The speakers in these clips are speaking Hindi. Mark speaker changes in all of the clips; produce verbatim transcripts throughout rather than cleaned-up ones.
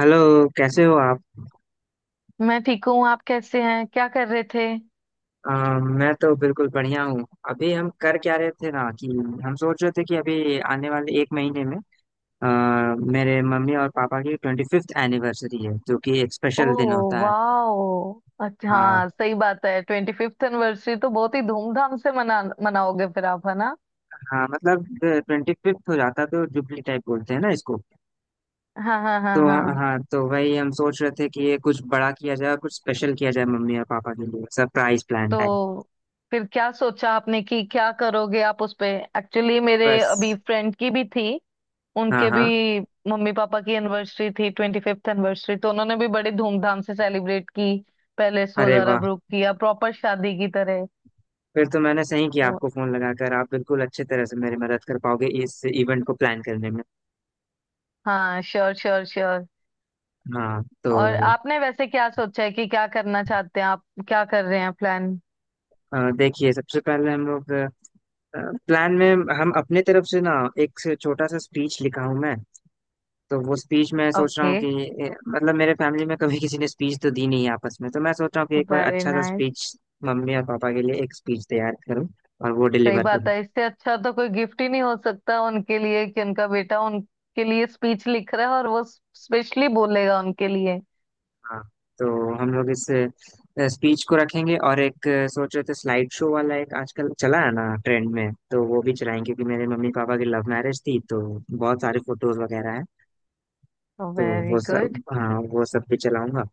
Speaker 1: हेलो। कैसे हो आप?
Speaker 2: मैं ठीक हूँ। आप कैसे हैं? क्या कर रहे थे?
Speaker 1: अ, मैं तो बिल्कुल बढ़िया हूँ। अभी हम कर क्या रहे थे ना कि हम सोच रहे थे कि अभी आने वाले एक महीने में अ, मेरे मम्मी और पापा की ट्वेंटी फिफ्थ एनिवर्सरी है, जो कि एक स्पेशल दिन
Speaker 2: ओह
Speaker 1: होता है।
Speaker 2: वाह, अच्छा,
Speaker 1: हाँ।
Speaker 2: हाँ सही बात है। ट्वेंटी फिफ्थ एनिवर्सरी तो बहुत ही धूमधाम से मना मनाओगे फिर आप, है ना?
Speaker 1: हाँ मतलब ट्वेंटी फिफ्थ हो जाता है तो जुबली टाइप बोलते हैं ना इसको।
Speaker 2: हाँ हाँ हाँ
Speaker 1: तो हाँ,
Speaker 2: हाँ।
Speaker 1: हाँ, तो वही हम सोच रहे थे कि ये कुछ बड़ा किया जाए, कुछ स्पेशल किया जाए मम्मी और पापा के लिए, सरप्राइज प्लान टाइप।
Speaker 2: तो फिर क्या सोचा आपने कि क्या करोगे आप उस पे? एक्चुअली मेरे
Speaker 1: बस।
Speaker 2: अभी फ्रेंड की भी थी।
Speaker 1: हाँ,
Speaker 2: उनके
Speaker 1: हाँ।
Speaker 2: भी मम्मी पापा की एनिवर्सरी थी, ट्वेंटी फिफ्थ एनिवर्सरी, तो उन्होंने भी बड़े धूमधाम से सेलिब्रेट की। पैलेस
Speaker 1: अरे
Speaker 2: वगैरह
Speaker 1: वाह!
Speaker 2: बुक किया, प्रॉपर शादी की तरह।
Speaker 1: फिर तो मैंने सही किया
Speaker 2: तो
Speaker 1: आपको फोन लगाकर, आप बिल्कुल अच्छे तरह से मेरी मदद कर पाओगे इस इवेंट को प्लान करने में।
Speaker 2: हाँ, श्योर श्योर श्योर।
Speaker 1: हाँ
Speaker 2: और
Speaker 1: तो
Speaker 2: आपने वैसे क्या सोचा है कि क्या करना चाहते हैं आप? क्या कर रहे हैं प्लान?
Speaker 1: अ, देखिए सबसे पहले हम लोग प्लान में हम अपने तरफ से ना एक से छोटा सा स्पीच लिखा हूँ मैं। तो वो स्पीच मैं सोच रहा
Speaker 2: ओके।
Speaker 1: हूँ कि ए, मतलब मेरे फैमिली में कभी किसी ने स्पीच तो दी नहीं है आपस में, तो मैं सोच रहा हूँ कि एक बार
Speaker 2: वेरी
Speaker 1: अच्छा सा
Speaker 2: नाइस।
Speaker 1: स्पीच मम्मी और पापा के लिए एक स्पीच तैयार करूँ और वो
Speaker 2: सही
Speaker 1: डिलीवर
Speaker 2: बात
Speaker 1: करूँ।
Speaker 2: है, इससे अच्छा तो कोई गिफ्ट ही नहीं हो सकता उनके लिए कि उनका बेटा उनके लिए स्पीच लिख रहा है और वो स्पेशली बोलेगा उनके लिए।
Speaker 1: हाँ तो हम लोग इस स्पीच को रखेंगे और एक अ, सोच रहे थे स्लाइड शो वाला एक आजकल चला है ना ट्रेंड में, तो वो भी चलाएंगे, क्योंकि मेरे मम्मी पापा की लव मैरिज थी तो बहुत सारे फोटोज वगैरह हैं। तो
Speaker 2: वेरी
Speaker 1: वो
Speaker 2: गुड।
Speaker 1: सब, हाँ, वो सब भी चलाऊंगा।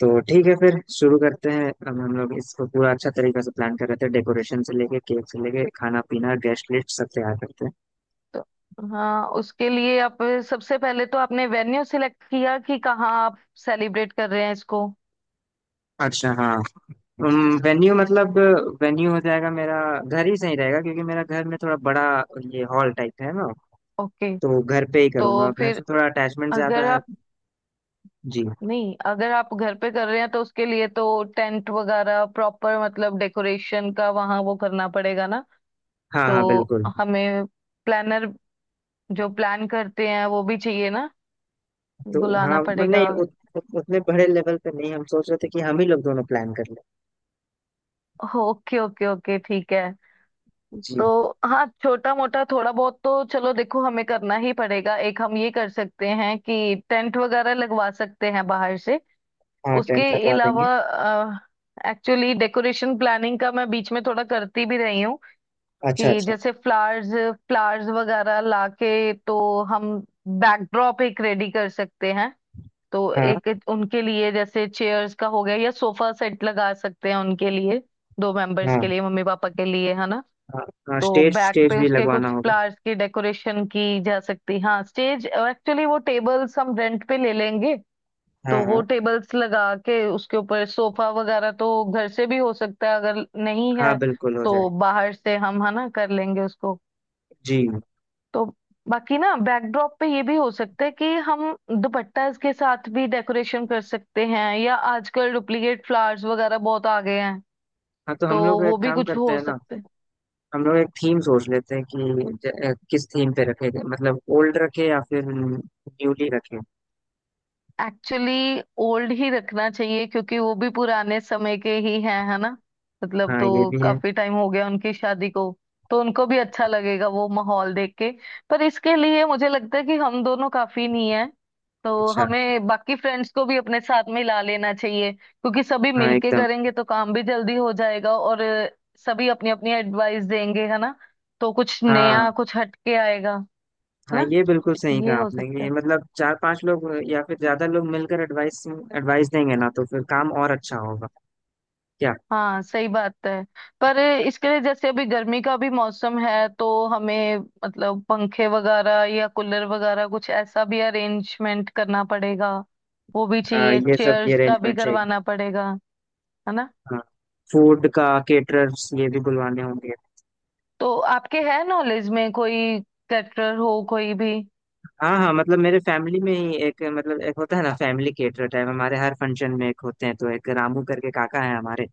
Speaker 1: तो ठीक है फिर शुरू करते हैं, अब हम लोग इसको पूरा अच्छा तरीके से प्लान कर रहे थे, डेकोरेशन से लेके केक से लेके खाना पीना गेस्ट लिस्ट सब तैयार करते हैं।
Speaker 2: तो हाँ, उसके लिए आप सबसे पहले तो आपने वेन्यू सिलेक्ट किया कि कहाँ आप सेलिब्रेट कर रहे हैं इसको?
Speaker 1: अच्छा हाँ। वेन्यू मतलब वेन्यू हो जाएगा, मेरा घर ही सही रहेगा, क्योंकि मेरा घर में थोड़ा बड़ा ये हॉल टाइप है ना।
Speaker 2: ओके।
Speaker 1: तो घर पे ही
Speaker 2: तो
Speaker 1: करूंगा, घर
Speaker 2: फिर,
Speaker 1: से थोड़ा अटैचमेंट ज्यादा
Speaker 2: अगर
Speaker 1: है।
Speaker 2: आप,
Speaker 1: जी।
Speaker 2: नहीं अगर आप घर पे कर रहे हैं तो उसके लिए तो टेंट वगैरह प्रॉपर, मतलब डेकोरेशन का वहाँ वो करना पड़ेगा ना।
Speaker 1: हाँ हाँ
Speaker 2: तो
Speaker 1: बिल्कुल।
Speaker 2: हमें प्लानर, जो प्लान करते हैं वो भी चाहिए ना,
Speaker 1: तो
Speaker 2: बुलाना
Speaker 1: हाँ मतलब
Speaker 2: पड़ेगा।
Speaker 1: नहीं उत, उत, उतने बड़े लेवल पे नहीं, हम सोच रहे थे कि हम ही लोग दोनों प्लान कर लें।
Speaker 2: ओके ओके ओके, ठीक है।
Speaker 1: जी।
Speaker 2: तो हाँ, छोटा मोटा थोड़ा बहुत तो चलो देखो, हमें करना ही पड़ेगा। एक हम ये कर सकते हैं कि टेंट वगैरह लगवा सकते हैं बाहर से।
Speaker 1: हाँ
Speaker 2: उसके
Speaker 1: टेंट लगवा देंगे।
Speaker 2: अलावा, एक्चुअली डेकोरेशन प्लानिंग का मैं बीच में थोड़ा करती भी रही हूँ,
Speaker 1: अच्छा
Speaker 2: कि
Speaker 1: अच्छा।
Speaker 2: जैसे फ्लावर्स, फ्लावर्स वगैरह लाके तो हम बैकड्रॉप एक रेडी कर सकते हैं। तो
Speaker 1: हाँ।
Speaker 2: एक उनके लिए जैसे चेयर्स का हो गया या सोफा सेट लगा सकते हैं उनके लिए, दो मेंबर्स
Speaker 1: हाँ।
Speaker 2: के लिए, मम्मी पापा के लिए, है ना।
Speaker 1: हाँ। हाँ
Speaker 2: तो
Speaker 1: स्टेज
Speaker 2: बैक
Speaker 1: स्टेज
Speaker 2: पे
Speaker 1: भी
Speaker 2: उसके
Speaker 1: लगवाना
Speaker 2: कुछ
Speaker 1: होगा।
Speaker 2: फ्लावर्स की डेकोरेशन की जा सकती। हाँ, स्टेज एक्चुअली वो टेबल्स हम रेंट पे ले लेंगे।
Speaker 1: हाँ
Speaker 2: तो वो
Speaker 1: हाँ।
Speaker 2: टेबल्स लगा के उसके ऊपर सोफा वगैरह तो घर से भी हो सकता है, अगर नहीं
Speaker 1: हाँ
Speaker 2: है
Speaker 1: बिल्कुल हो
Speaker 2: तो
Speaker 1: जाएगा।
Speaker 2: बाहर से हम, है ना, कर लेंगे उसको।
Speaker 1: जी।
Speaker 2: तो बाकी ना, बैकड्रॉप पे ये भी हो सकता है कि हम दुपट्टा इसके साथ भी डेकोरेशन कर सकते हैं, या आजकल डुप्लीकेट फ्लावर्स वगैरह बहुत आ गए हैं
Speaker 1: हाँ तो
Speaker 2: तो
Speaker 1: हम लोग एक
Speaker 2: वो भी
Speaker 1: काम
Speaker 2: कुछ
Speaker 1: करते
Speaker 2: हो
Speaker 1: हैं ना,
Speaker 2: सकते।
Speaker 1: हम लोग एक थीम सोच लेते हैं कि ज- अ, किस थीम पे रखे जाए, मतलब ओल्ड रखे या फिर न्यूली रखे।
Speaker 2: एक्चुअली ओल्ड ही रखना चाहिए क्योंकि वो भी पुराने समय के ही हैं, है ना। मतलब
Speaker 1: हाँ
Speaker 2: तो
Speaker 1: ये भी है।
Speaker 2: काफी टाइम हो गया उनकी शादी को, तो उनको भी अच्छा लगेगा वो माहौल देख के। पर इसके लिए मुझे लगता है कि हम दोनों काफी नहीं है, तो
Speaker 1: अच्छा।
Speaker 2: हमें बाकी फ्रेंड्स को भी अपने साथ में ला लेना चाहिए, क्योंकि सभी
Speaker 1: हाँ
Speaker 2: मिलके
Speaker 1: एकदम।
Speaker 2: करेंगे तो काम भी जल्दी हो जाएगा और अ, सभी अपनी अपनी एडवाइस देंगे, है ना। तो कुछ
Speaker 1: हाँ
Speaker 2: नया, कुछ हटके आएगा। है
Speaker 1: हाँ,
Speaker 2: ना,
Speaker 1: ये बिल्कुल सही कहा
Speaker 2: ये हो
Speaker 1: आपने कि
Speaker 2: सकता
Speaker 1: ये
Speaker 2: है।
Speaker 1: मतलब चार पांच लोग या फिर ज्यादा लोग मिलकर एडवाइस, एडवाइस देंगे ना तो फिर काम और अच्छा होगा। क्या?
Speaker 2: हाँ सही बात है। पर इसके लिए जैसे अभी गर्मी का भी मौसम है, तो हमें मतलब पंखे वगैरह या कूलर वगैरह कुछ ऐसा भी अरेंजमेंट करना पड़ेगा। वो भी
Speaker 1: हाँ
Speaker 2: चाहिए,
Speaker 1: ये सब, ये
Speaker 2: चेयर्स का भी
Speaker 1: अरेंजमेंट चाहिए।
Speaker 2: करवाना पड़ेगा, है ना।
Speaker 1: हाँ। फूड का केटरर्स, ये भी बुलवाने होंगे।
Speaker 2: तो आपके है नॉलेज में कोई कैटरर हो, कोई भी?
Speaker 1: हाँ हाँ मतलब मेरे फैमिली में ही एक, मतलब एक होता है ना फैमिली केटरर टाइप, हमारे हर फंक्शन में एक होते हैं, तो एक रामू करके काका है हमारे।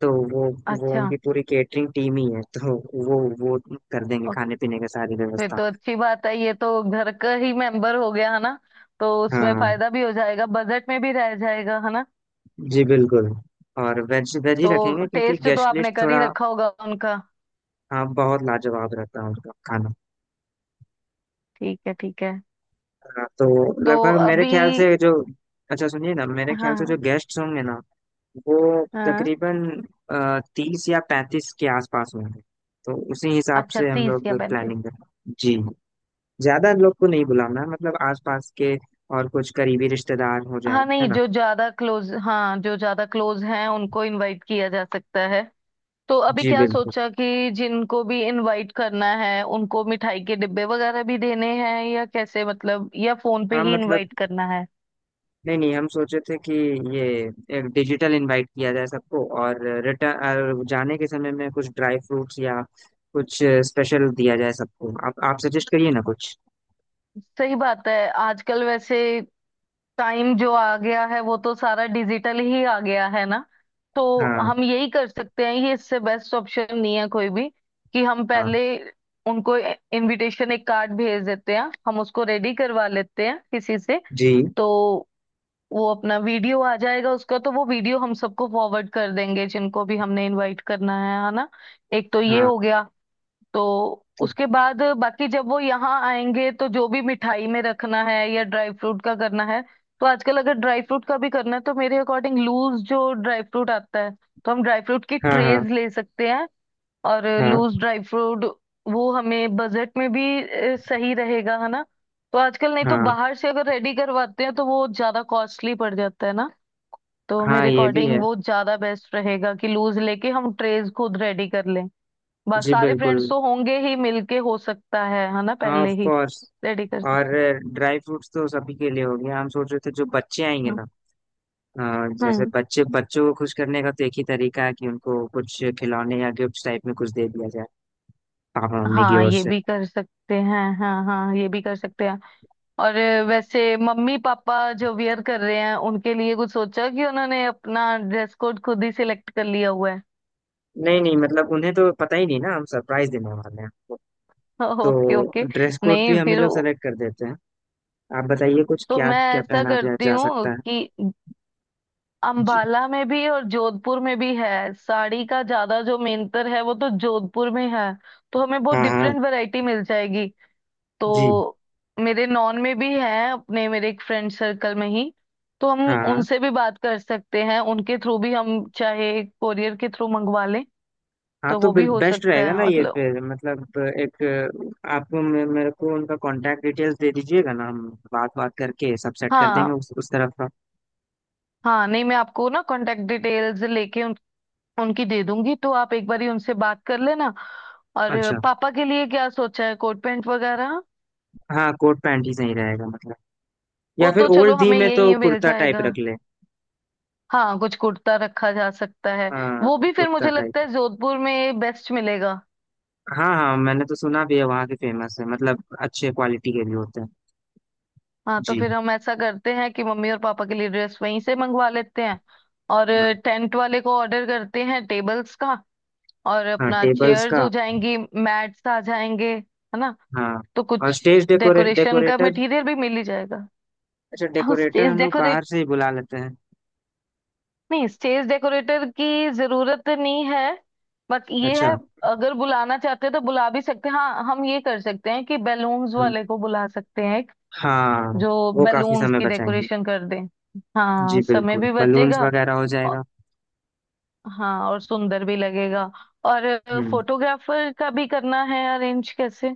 Speaker 1: तो वो वो
Speaker 2: अच्छा।
Speaker 1: उनकी पूरी केटरिंग टीम ही है, तो वो वो कर देंगे
Speaker 2: ओ,
Speaker 1: खाने पीने का सारी
Speaker 2: फिर
Speaker 1: व्यवस्था।
Speaker 2: तो अच्छी बात है, ये तो घर का ही मेंबर हो गया, है ना। तो उसमें
Speaker 1: हाँ।
Speaker 2: फायदा भी हो जाएगा, बजट में भी रह जाएगा, है ना।
Speaker 1: जी बिल्कुल। और वेज वेज ही
Speaker 2: तो
Speaker 1: रखेंगे, क्योंकि
Speaker 2: टेस्ट तो
Speaker 1: गेस्ट
Speaker 2: आपने
Speaker 1: लिस्ट
Speaker 2: कर ही
Speaker 1: थोड़ा।
Speaker 2: रखा होगा उनका।
Speaker 1: हाँ बहुत लाजवाब रहता है उनका खाना।
Speaker 2: ठीक है, ठीक है।
Speaker 1: हाँ, तो
Speaker 2: तो
Speaker 1: लगभग मेरे
Speaker 2: अभी,
Speaker 1: ख्याल से जो, अच्छा सुनिए ना, मेरे
Speaker 2: हाँ
Speaker 1: ख्याल से जो
Speaker 2: हाँ,
Speaker 1: गेस्ट होंगे ना वो
Speaker 2: हाँ,
Speaker 1: तकरीबन तीस या पैंतीस के आसपास होंगे। तो उसी हिसाब
Speaker 2: अच्छा
Speaker 1: से हम
Speaker 2: तीस
Speaker 1: लोग
Speaker 2: या पैंतीस।
Speaker 1: प्लानिंग करें जी। ज्यादा लोग को नहीं बुलाना है, मतलब आसपास के और कुछ करीबी रिश्तेदार हो जाए,
Speaker 2: हाँ
Speaker 1: है
Speaker 2: नहीं,
Speaker 1: ना।
Speaker 2: जो ज्यादा क्लोज, हाँ जो ज्यादा क्लोज हैं उनको इनवाइट किया जा सकता है। तो अभी
Speaker 1: जी
Speaker 2: क्या
Speaker 1: बिल्कुल।
Speaker 2: सोचा कि जिनको भी इनवाइट करना है उनको मिठाई के डिब्बे वगैरह भी देने हैं, या कैसे मतलब, या फोन पे
Speaker 1: हाँ
Speaker 2: ही
Speaker 1: मतलब
Speaker 2: इनवाइट करना है?
Speaker 1: नहीं नहीं, हम सोचे थे कि ये एक डिजिटल इनवाइट किया जाए सबको, और रिटर्न जाने के समय में कुछ ड्राई फ्रूट्स या कुछ स्पेशल दिया जाए सबको। आप आप सजेस्ट करिए ना कुछ।
Speaker 2: सही बात है। आजकल वैसे टाइम जो आ गया है वो तो सारा डिजिटल ही आ गया है ना। तो
Speaker 1: हाँ।
Speaker 2: हम यही कर सकते हैं, ये इससे बेस्ट ऑप्शन नहीं है कोई भी। कि हम
Speaker 1: हाँ।
Speaker 2: पहले उनको इनविटेशन एक कार्ड भेज देते हैं, हम उसको रेडी करवा लेते हैं किसी से।
Speaker 1: जी।
Speaker 2: तो वो अपना वीडियो आ जाएगा उसका, तो वो वीडियो हम सबको फॉरवर्ड कर देंगे जिनको भी हमने इनवाइट करना है है ना। एक तो ये
Speaker 1: हाँ
Speaker 2: हो गया। तो
Speaker 1: तो।
Speaker 2: उसके बाद बाकी जब वो यहाँ आएंगे, तो जो भी मिठाई में रखना है या ड्राई फ्रूट का करना है। तो आजकल अगर ड्राई फ्रूट का भी करना है, तो मेरे अकॉर्डिंग लूज जो ड्राई फ्रूट आता है, तो हम ड्राई फ्रूट की
Speaker 1: हाँ। हाँ।
Speaker 2: ट्रेज ले सकते हैं और
Speaker 1: हाँ।
Speaker 2: लूज ड्राई फ्रूट, वो हमें बजट में भी अ, सही रहेगा, है ना। तो आजकल नहीं तो
Speaker 1: हाँ।
Speaker 2: बाहर से अगर रेडी करवाते हैं तो वो ज्यादा कॉस्टली पड़ जाता है ना। तो
Speaker 1: हाँ
Speaker 2: मेरे
Speaker 1: ये भी है।
Speaker 2: अकॉर्डिंग वो ज्यादा बेस्ट रहेगा कि लूज लेके हम ट्रेज खुद रेडी कर लें। बस
Speaker 1: जी
Speaker 2: सारे
Speaker 1: बिल्कुल।
Speaker 2: फ्रेंड्स तो होंगे ही मिलके, हो सकता है है ना,
Speaker 1: हाँ
Speaker 2: पहले
Speaker 1: ऑफ
Speaker 2: ही
Speaker 1: कोर्स।
Speaker 2: रेडी कर
Speaker 1: और
Speaker 2: सकते
Speaker 1: ड्राई फ्रूट्स तो सभी के लिए हो गया, हम सोच रहे थे जो बच्चे आएंगे
Speaker 2: हैं। हाँ
Speaker 1: ना, हाँ, जैसे
Speaker 2: हम्म,
Speaker 1: बच्चे, बच्चों को खुश करने का तो एक ही तरीका है कि उनको कुछ खिलौने या गिफ्ट टाइप में कुछ दे दिया जाए पापा मम्मी की
Speaker 2: हाँ
Speaker 1: ओर
Speaker 2: ये
Speaker 1: से।
Speaker 2: भी कर सकते हैं, हाँ हाँ ये भी कर सकते हैं। और वैसे मम्मी पापा जो वियर कर रहे हैं, उनके लिए कुछ सोचा, कि उन्होंने अपना ड्रेस कोड खुद ही सिलेक्ट कर लिया हुआ है?
Speaker 1: नहीं नहीं मतलब उन्हें तो पता ही नहीं ना, हम सरप्राइज देने वाले हैं आपको।
Speaker 2: Okay okay.
Speaker 1: तो ड्रेस कोड भी
Speaker 2: नहीं
Speaker 1: हम ही
Speaker 2: फिर
Speaker 1: लोग सेलेक्ट कर देते हैं। आप बताइए कुछ
Speaker 2: तो
Speaker 1: क्या
Speaker 2: मैं
Speaker 1: क्या
Speaker 2: ऐसा
Speaker 1: पहना जा,
Speaker 2: करती
Speaker 1: जा
Speaker 2: हूँ
Speaker 1: सकता है।
Speaker 2: कि,
Speaker 1: जी।
Speaker 2: अंबाला में भी और जोधपुर में भी है साड़ी का, ज्यादा जो मेंटर है वो तो जोधपुर में है, तो हमें बहुत
Speaker 1: हाँ। हाँ।
Speaker 2: डिफरेंट वैरायटी मिल जाएगी।
Speaker 1: जी।
Speaker 2: तो मेरे नॉन में भी है, अपने मेरे एक फ्रेंड सर्कल में ही, तो हम
Speaker 1: हाँ। हाँ।
Speaker 2: उनसे भी बात कर सकते हैं, उनके थ्रू भी हम चाहे कोरियर के थ्रू मंगवा लें।
Speaker 1: हाँ
Speaker 2: तो
Speaker 1: तो
Speaker 2: वो भी हो
Speaker 1: बेस्ट
Speaker 2: सकता
Speaker 1: रहेगा
Speaker 2: है
Speaker 1: ना ये
Speaker 2: मतलब।
Speaker 1: फिर मतलब एक। आप मे- मेरे को उनका कांटेक्ट डिटेल्स दे दीजिएगा ना, हम बात बात करके सब सेट कर देंगे
Speaker 2: हाँ,
Speaker 1: उस उस तरफ का।
Speaker 2: हाँ नहीं मैं आपको ना कांटेक्ट डिटेल्स लेके उन, उनकी दे दूंगी, तो आप एक बारी उनसे बात कर लेना। और
Speaker 1: अच्छा।
Speaker 2: पापा के लिए क्या सोचा है, कोट पैंट वगैरह?
Speaker 1: हाँ कोट पैंट ही सही रहेगा मतलब, या
Speaker 2: वो
Speaker 1: फिर
Speaker 2: तो चलो
Speaker 1: ओल्ड दी
Speaker 2: हमें
Speaker 1: में तो
Speaker 2: यही मिल
Speaker 1: कुर्ता टाइप
Speaker 2: जाएगा।
Speaker 1: रख ले।
Speaker 2: हाँ, कुछ कुर्ता रखा जा सकता है।
Speaker 1: हाँ
Speaker 2: वो भी फिर
Speaker 1: कुर्ता
Speaker 2: मुझे लगता
Speaker 1: टाइप।
Speaker 2: है जोधपुर में बेस्ट मिलेगा।
Speaker 1: हाँ हाँ मैंने तो सुना भी है, वहाँ के फेमस है, मतलब अच्छे क्वालिटी के भी होते हैं।
Speaker 2: हाँ तो
Speaker 1: जी।
Speaker 2: फिर हम ऐसा करते हैं कि मम्मी और पापा के लिए ड्रेस वहीं से मंगवा लेते हैं। और
Speaker 1: हाँ।
Speaker 2: टेंट वाले को ऑर्डर करते हैं टेबल्स का, और
Speaker 1: हाँ
Speaker 2: अपना
Speaker 1: टेबल्स
Speaker 2: चेयर्स
Speaker 1: का।
Speaker 2: हो जाएंगी, मैट्स आ जाएंगे, है ना।
Speaker 1: हाँ
Speaker 2: तो
Speaker 1: और
Speaker 2: कुछ
Speaker 1: स्टेज डेकोरे
Speaker 2: डेकोरेशन का
Speaker 1: डेकोरेटर।
Speaker 2: मटेरियल भी मिल ही जाएगा।
Speaker 1: अच्छा,
Speaker 2: हाँ,
Speaker 1: डेकोरेटर
Speaker 2: स्टेज,
Speaker 1: हम लोग बाहर से ही बुला लेते हैं।
Speaker 2: नहीं स्टेज डेकोरेटर की जरूरत नहीं है, बट ये है,
Speaker 1: अच्छा।
Speaker 2: अगर बुलाना चाहते हैं तो बुला भी सकते हैं। हाँ हम ये कर सकते हैं कि बैलून्स
Speaker 1: हम्म,
Speaker 2: वाले को बुला सकते हैं एक,
Speaker 1: हाँ
Speaker 2: जो
Speaker 1: वो काफी
Speaker 2: बैलून्स
Speaker 1: समय
Speaker 2: की
Speaker 1: बचाएंगे।
Speaker 2: डेकोरेशन कर दें। हाँ
Speaker 1: जी
Speaker 2: समय
Speaker 1: बिल्कुल,
Speaker 2: भी
Speaker 1: बलून्स
Speaker 2: बचेगा।
Speaker 1: वगैरह हो
Speaker 2: औ-
Speaker 1: जाएगा।
Speaker 2: हाँ और सुंदर भी लगेगा। और
Speaker 1: हम्म
Speaker 2: फोटोग्राफर का भी करना है अरेंज, कैसे?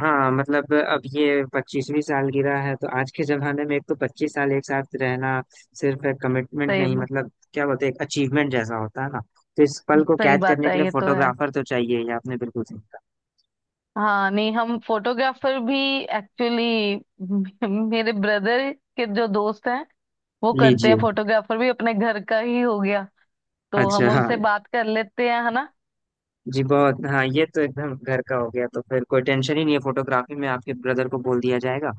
Speaker 1: हाँ मतलब अब ये पच्चीसवीं सालगिरह है, तो आज के जमाने में एक तो पच्चीस साल एक साथ रहना सिर्फ एक कमिटमेंट
Speaker 2: सही
Speaker 1: नहीं,
Speaker 2: ब-
Speaker 1: मतलब क्या बोलते हैं, एक अचीवमेंट जैसा होता है ना। तो इस पल को
Speaker 2: सही
Speaker 1: कैद
Speaker 2: बात
Speaker 1: करने के
Speaker 2: है,
Speaker 1: लिए
Speaker 2: ये तो है।
Speaker 1: फोटोग्राफर तो चाहिए ही, आपने बिल्कुल सही कहा।
Speaker 2: हाँ नहीं, हम फोटोग्राफर भी, एक्चुअली, मेरे ब्रदर के जो दोस्त हैं वो करते हैं,
Speaker 1: लीजिए।
Speaker 2: फोटोग्राफर भी अपने घर का ही हो गया। तो हम
Speaker 1: अच्छा हाँ।
Speaker 2: उनसे बात कर लेते हैं, है ना।
Speaker 1: जी बहुत। हाँ ये तो एकदम घर का हो गया, तो फिर कोई टेंशन ही नहीं है, फोटोग्राफी में आपके ब्रदर को बोल दिया जाएगा।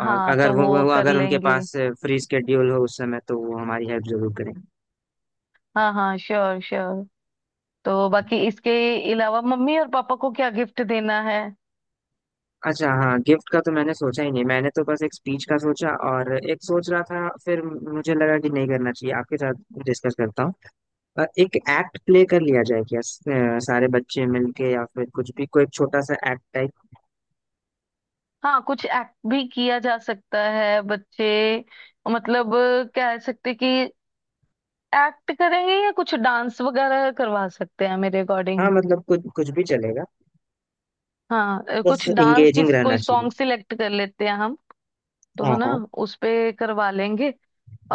Speaker 1: और
Speaker 2: हाँ
Speaker 1: अगर
Speaker 2: तो
Speaker 1: वो,
Speaker 2: वो
Speaker 1: वो वो-
Speaker 2: कर
Speaker 1: अगर उनके
Speaker 2: लेंगे।
Speaker 1: पास फ्री स्केड्यूल हो उस समय तो वो हमारी हेल्प जरूर करेंगे।
Speaker 2: हाँ हाँ श्योर श्योर। तो बाकी इसके अलावा मम्मी और पापा को क्या गिफ्ट देना है?
Speaker 1: अच्छा हाँ, गिफ्ट का तो मैंने सोचा ही नहीं, मैंने तो बस एक स्पीच का सोचा, और एक सोच रहा था फिर मुझे लगा कि नहीं, करना चाहिए आपके साथ डिस्कस करता हूँ। अ, एक एक्ट प्ले कर लिया जाए, क्या स- अ, सारे बच्चे मिलके या फिर कुछ भी कोई छोटा सा एक्ट टाइप।
Speaker 2: हाँ, कुछ एक्ट भी किया जा सकता है, बच्चे, मतलब, कह सकते कि एक्ट करेंगे, या कुछ डांस वगैरह करवा सकते हैं मेरे
Speaker 1: हाँ
Speaker 2: अकॉर्डिंग।
Speaker 1: मतलब कुछ कुछ भी चलेगा,
Speaker 2: हाँ, अ,
Speaker 1: बस
Speaker 2: कुछ डांस की
Speaker 1: इंगेजिंग रहना
Speaker 2: कोई
Speaker 1: चाहिए।
Speaker 2: सॉन्ग सिलेक्ट कर लेते हैं हम, तो
Speaker 1: हाँ
Speaker 2: है ना,
Speaker 1: हाँ।
Speaker 2: उस पे करवा लेंगे।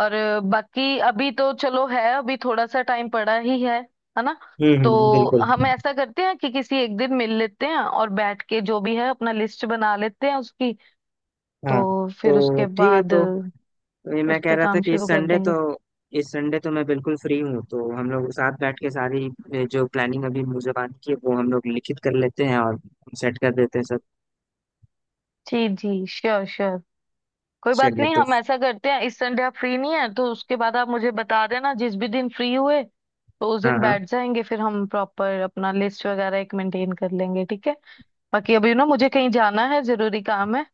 Speaker 2: और बाकी अभी तो चलो है, अभी थोड़ा सा टाइम पड़ा ही है है ना।
Speaker 1: हम्म हम्म
Speaker 2: तो
Speaker 1: बिल्कुल।
Speaker 2: हम ऐसा करते हैं कि किसी एक दिन मिल लेते हैं और बैठ के जो भी है अपना लिस्ट बना लेते हैं उसकी।
Speaker 1: हाँ
Speaker 2: तो फिर
Speaker 1: तो
Speaker 2: उसके
Speaker 1: ठीक है
Speaker 2: बाद
Speaker 1: तो तो ये मैं
Speaker 2: उस
Speaker 1: कह
Speaker 2: पे
Speaker 1: रहा था
Speaker 2: काम
Speaker 1: कि इस
Speaker 2: शुरू कर
Speaker 1: संडे तो
Speaker 2: देंगे।
Speaker 1: इस संडे तो मैं बिल्कुल फ्री हूँ, तो हम लोग साथ बैठ के सारी ए, जो प्लानिंग अभी मुझे बात की है वो हम लोग लिखित कर लेते हैं और सेट कर देते हैं सब।
Speaker 2: जी जी, श्योर श्योर। कोई बात
Speaker 1: चलिए
Speaker 2: नहीं,
Speaker 1: तो।
Speaker 2: हम ऐसा करते हैं, इस संडे आप फ्री नहीं है तो उसके बाद आप मुझे बता देना जिस भी दिन फ्री हुए, तो उस
Speaker 1: हाँ
Speaker 2: दिन
Speaker 1: हाँ।
Speaker 2: बैठ जाएंगे, फिर हम प्रॉपर अपना लिस्ट वगैरह एक मेंटेन कर लेंगे, ठीक है। बाकी अभी ना मुझे कहीं जाना है, जरूरी काम है,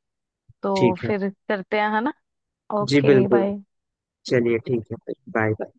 Speaker 2: तो
Speaker 1: ठीक है।
Speaker 2: फिर करते हैं, है ना।
Speaker 1: जी
Speaker 2: ओके
Speaker 1: बिल्कुल।
Speaker 2: बाय।
Speaker 1: चलिए ठीक है, फिर बाय बाय।